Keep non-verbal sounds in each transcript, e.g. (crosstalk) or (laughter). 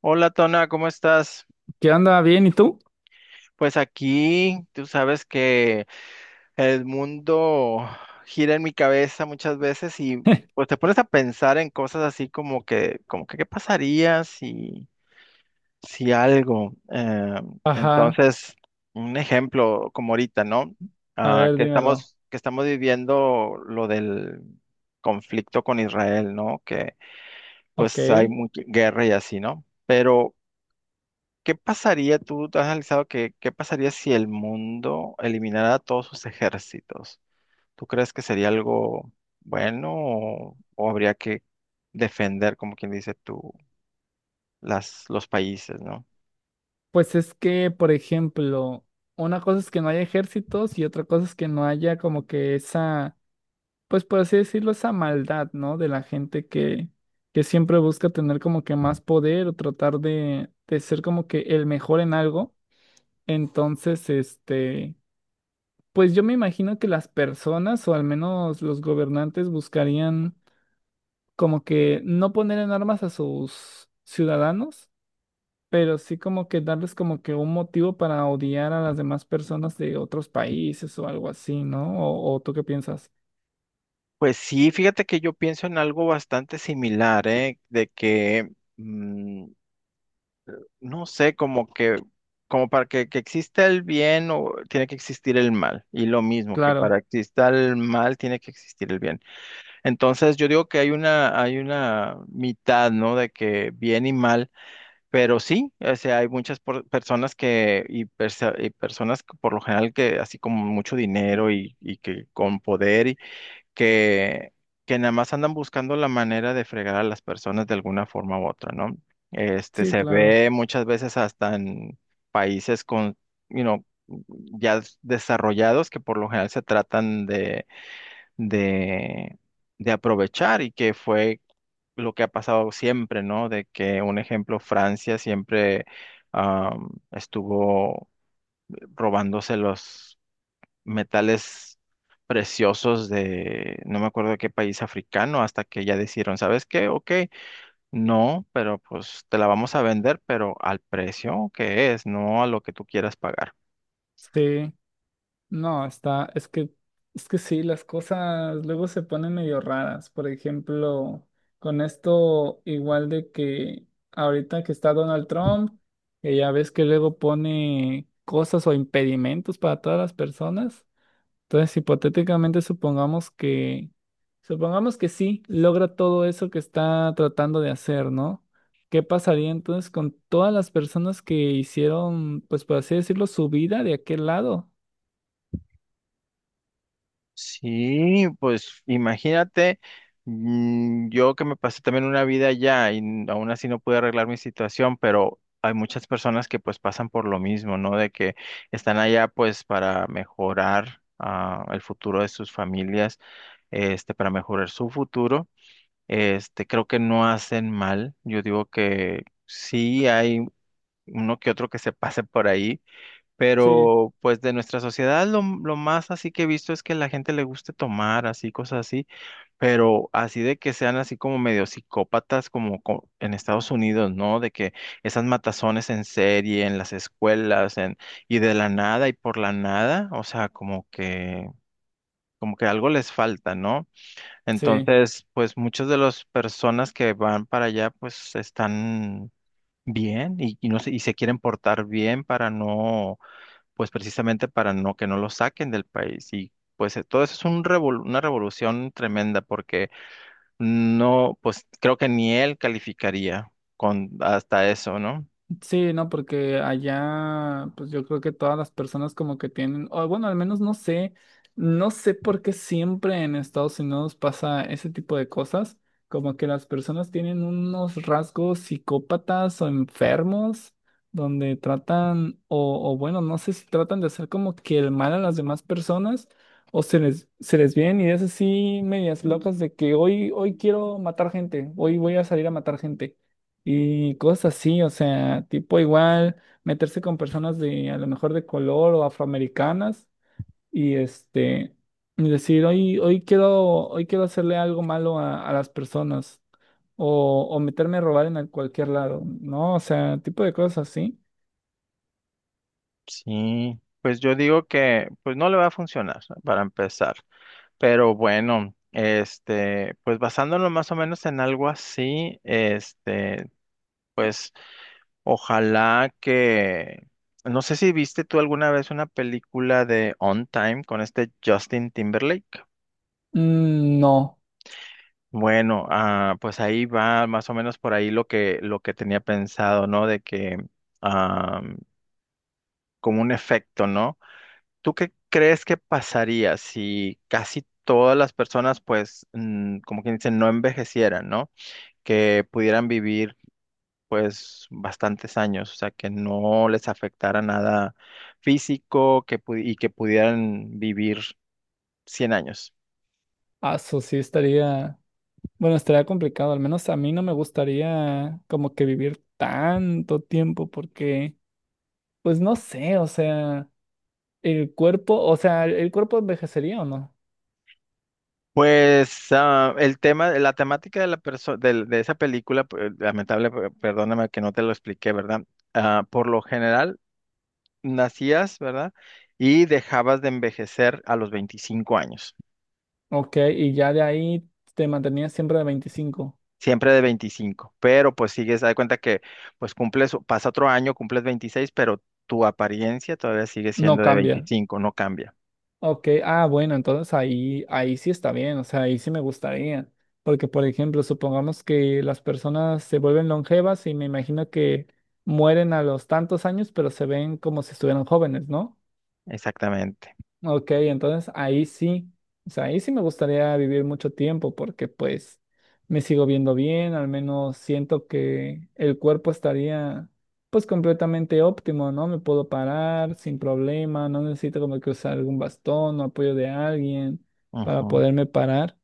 Hola Tona, ¿cómo estás? ¿Qué onda? ¿Bien? ¿Y tú? Pues aquí tú sabes que el mundo gira en mi cabeza muchas veces y pues (laughs) te pones a pensar en cosas así como que qué pasaría si algo. eh, Ajá, entonces, un ejemplo como ahorita, ¿no? a Ah, ver, que dímelo. estamos, que estamos viviendo lo del conflicto con Israel, ¿no? Que Ok. pues hay mucha guerra y así, ¿no? Pero ¿qué pasaría, tú te has analizado qué pasaría si el mundo eliminara todos sus ejércitos? ¿Tú crees que sería algo bueno o habría que defender, como quien dice tú, los países, ¿no? Pues es que, por ejemplo, una cosa es que no haya ejércitos y otra cosa es que no haya como que esa, pues por así decirlo, esa maldad, ¿no? De la gente que siempre busca tener como que más poder o tratar de ser como que el mejor en algo. Entonces, pues yo me imagino que las personas o al menos los gobernantes buscarían... como que no poner en armas a sus ciudadanos, pero sí como que darles como que un motivo para odiar a las demás personas de otros países o algo así, ¿no? O tú qué piensas? Pues sí, fíjate que yo pienso en algo bastante similar, ¿eh? De que, mm, no sé, como que, como para que exista el bien o tiene que existir el mal. Y lo mismo, que Claro, para que exista el mal tiene que existir el bien. Entonces yo digo que hay una mitad, ¿no? De que bien y mal, pero sí, o sea, hay muchas personas y personas que por lo general que así como mucho dinero y que con poder y que, que nada más andan buscando la manera de fregar a las personas de alguna forma u otra, ¿no? Este sí, se claro. ve muchas veces hasta en países con, you know, ya desarrollados que por lo general se tratan de, de aprovechar y que fue lo que ha pasado siempre, ¿no? De que, un ejemplo, Francia siempre estuvo robándose los metales preciosos de, no me acuerdo de qué país africano, hasta que ya decidieron, ¿sabes qué? Ok, no, pero pues te la vamos a vender, pero al precio que es, no a lo que tú quieras pagar. Sí, no, está, es que sí, las cosas luego se ponen medio raras. Por ejemplo, con esto igual de que ahorita que está Donald Trump, que ya ves que luego pone cosas o impedimentos para todas las personas. Entonces, hipotéticamente supongamos que sí logra todo eso que está tratando de hacer, ¿no? ¿Qué pasaría entonces con todas las personas que hicieron, pues por así decirlo, su vida de aquel lado? Sí, pues imagínate, yo que me pasé también una vida allá y aún así no pude arreglar mi situación, pero hay muchas personas que pues pasan por lo mismo, ¿no? De que están allá pues para mejorar el futuro de sus familias, este, para mejorar su futuro. Este, creo que no hacen mal. Yo digo que sí hay uno que otro que se pase por ahí Sí, pero pues de nuestra sociedad lo más así que he visto es que la gente le guste tomar así, cosas así, pero así de que sean así como medio psicópatas como en Estados Unidos, ¿no? De que esas matazones en serie, en las escuelas, y de la nada y por la nada, o sea, como que, algo les falta, ¿no? sí. Entonces, pues muchas de las personas que van para allá pues están bien y no sé, y se quieren portar bien para no pues precisamente para no que no lo saquen del país. Y pues todo eso es un una revolución tremenda porque no, pues creo que ni él calificaría con hasta eso, ¿no? Sí, no, porque allá, pues yo creo que todas las personas como que tienen, o bueno, al menos no sé, no sé por qué siempre en Estados Unidos pasa ese tipo de cosas, como que las personas tienen unos rasgos psicópatas o enfermos, donde tratan, o bueno, no sé si tratan de hacer como que el mal a las demás personas, o se les vienen ideas así medias locas de que hoy, hoy quiero matar gente, hoy voy a salir a matar gente y cosas así, o sea, tipo igual meterse con personas de a lo mejor de color o afroamericanas y este y decir, hoy, hoy quiero hacerle algo malo a las personas o meterme a robar en el- cualquier lado, ¿no? O sea, tipo de cosas así. Sí, pues yo digo que pues no le va a funcionar para empezar. Pero bueno, este, pues basándonos más o menos en algo así, este, pues ojalá que. No sé si viste tú alguna vez una película de On Time con este Justin Timberlake. Mm, no, Bueno, pues ahí va más o menos por ahí lo que tenía pensado, ¿no? De que, ah, como un efecto, ¿no? ¿Tú qué crees que pasaría si casi todas las personas, pues, como quien dice, no envejecieran, ¿no? Que pudieran vivir pues bastantes años, o sea, que no les afectara nada físico que y que pudieran vivir 100 años. ah, eso sí estaría, bueno, estaría complicado, al menos a mí no me gustaría como que vivir tanto tiempo porque, pues no sé, o sea... El cuerpo, o sea, el cuerpo envejecería o no. Pues el tema, la temática de de, esa película, lamentable, perdóname que no te lo expliqué, ¿verdad? Ah, por lo general, nacías, ¿verdad? Y dejabas de envejecer a los 25 años. Ok, y ya de ahí te mantenías siempre de 25. Siempre de 25, pero pues sigues, haz de cuenta que pues cumples, pasa otro año, cumples 26, pero tu apariencia todavía sigue No siendo de cambia. 25, no cambia. Ok, ah, bueno, entonces ahí, ahí sí está bien, o sea, ahí sí me gustaría. Porque, por ejemplo, supongamos que las personas se vuelven longevas y me imagino que mueren a los tantos años, pero se ven como si estuvieran jóvenes, ¿no? Exactamente. Ok, entonces ahí sí, o sea, ahí sí me gustaría vivir mucho tiempo porque pues me sigo viendo bien, al menos siento que el cuerpo estaría pues completamente óptimo, ¿no? Me puedo parar sin problema, no necesito como que usar algún bastón o apoyo de alguien para Ujú. poderme parar.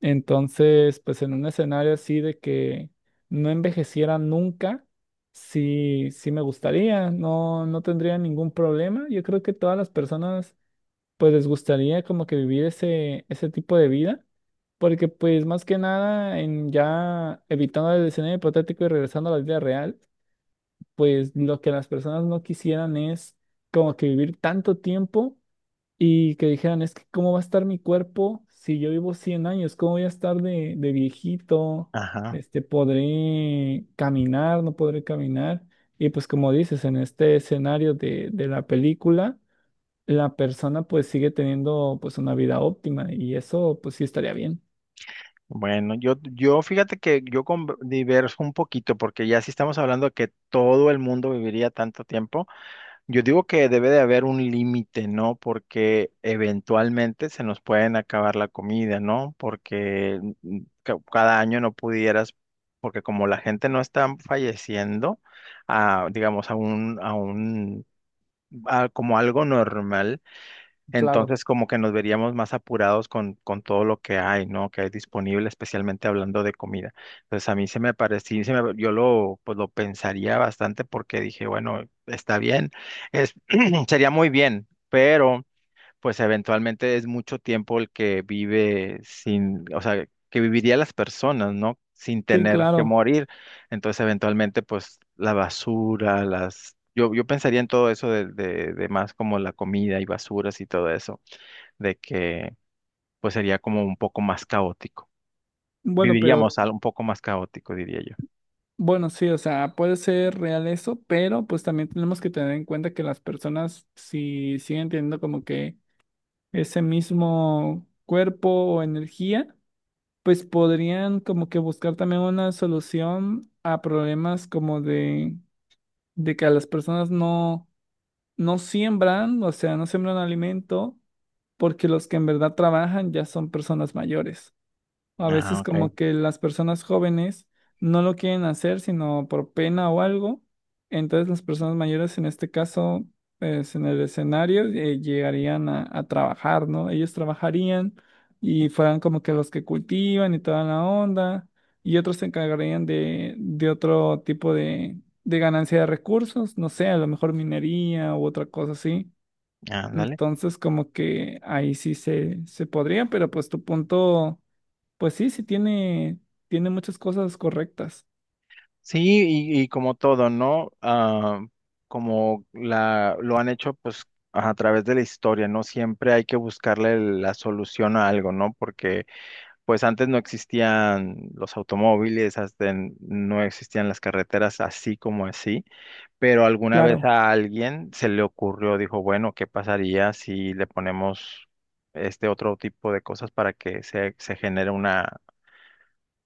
Entonces, pues en un escenario así de que no envejeciera nunca. Sí, sí me gustaría, no, no tendría ningún problema. Yo creo que todas las personas pues les gustaría como que vivir ese, ese tipo de vida, porque pues más que nada, en ya evitando el escenario hipotético y regresando a la vida real, pues lo que las personas no quisieran es como que vivir tanto tiempo y que dijeran, es que cómo va a estar mi cuerpo si yo vivo 100 años, cómo voy a estar de viejito, Ajá. Podré caminar, no podré caminar. Y pues como dices, en este escenario de la película la persona pues sigue teniendo pues una vida óptima y eso pues sí estaría bien. Bueno, yo fíjate que yo diverso un poquito, porque ya si estamos hablando de que todo el mundo viviría tanto tiempo. Yo digo que debe de haber un límite, ¿no? Porque eventualmente se nos pueden acabar la comida, ¿no? Porque cada año no pudieras, porque como la gente no está falleciendo, a, digamos, a como algo normal. Claro. Entonces, como que nos veríamos más apurados con todo lo que hay, ¿no? Que hay disponible, especialmente hablando de comida. Entonces, a mí se me parecía, yo lo, pues, lo pensaría bastante porque dije, bueno, está bien, es, (clears throat) sería muy bien, pero pues eventualmente es mucho tiempo el que vive sin, o sea, que viviría las personas, ¿no? Sin Sí, tener que claro. morir. Entonces, eventualmente, pues la basura. Yo pensaría en todo eso de, de más como la comida y basuras y todo eso, de que pues sería como un poco más caótico. Bueno, pero Viviríamos algo un poco más caótico, diría yo. bueno, sí, o sea, puede ser real eso, pero pues también tenemos que tener en cuenta que las personas si siguen teniendo como que ese mismo cuerpo o energía, pues podrían como que buscar también una solución a problemas como de que a las personas no, no siembran, o sea, no siembran alimento, porque los que en verdad trabajan ya son personas mayores. A Ah, veces ok. como que las personas jóvenes no lo quieren hacer, sino por pena o algo. Entonces las personas mayores, en este caso, pues en el escenario, llegarían a trabajar, ¿no? Ellos trabajarían y fueran como que los que cultivan y toda la onda. Y otros se encargarían de otro tipo de ganancia de recursos, no sé, a lo mejor minería u otra cosa así. Ándale. Entonces como que ahí sí se podría, pero pues tu punto pues sí, sí tiene, tiene muchas cosas correctas. Sí, y como todo, ¿no? Ah, como lo han hecho, pues, a través de la historia, ¿no? Siempre hay que buscarle la solución a algo, ¿no? Porque, pues, antes no existían los automóviles, no existían las carreteras así como así, pero alguna vez Claro, a alguien se le ocurrió, dijo, bueno, ¿qué pasaría si le ponemos este otro tipo de cosas para que se genere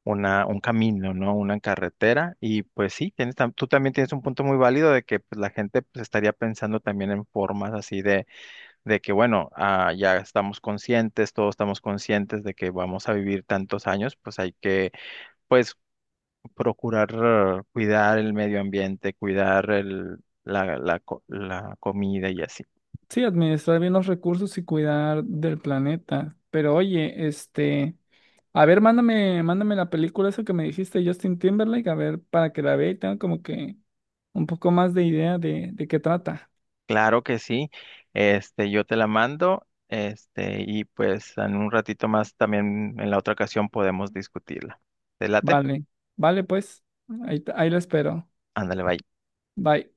un camino, ¿no? Una carretera. Y pues sí, tú también tienes un punto muy válido de que pues, la gente pues, estaría pensando también en formas así de, que, bueno, ya estamos conscientes, todos estamos conscientes de que vamos a vivir tantos años, pues hay que, pues, procurar cuidar el medio ambiente, cuidar el, la, co- la comida y así. sí, administrar bien los recursos y cuidar del planeta. Pero oye, a ver, mándame, mándame la película esa que me dijiste, Justin Timberlake, a ver, para que la vea y tenga como que un poco más de idea de qué trata. Claro que sí. Este, yo te la mando, este, y pues en un ratito más también en la otra ocasión podemos discutirla. ¿Te late? Vale, vale, pues, ahí, ahí la espero. Ándale, bye. Bye.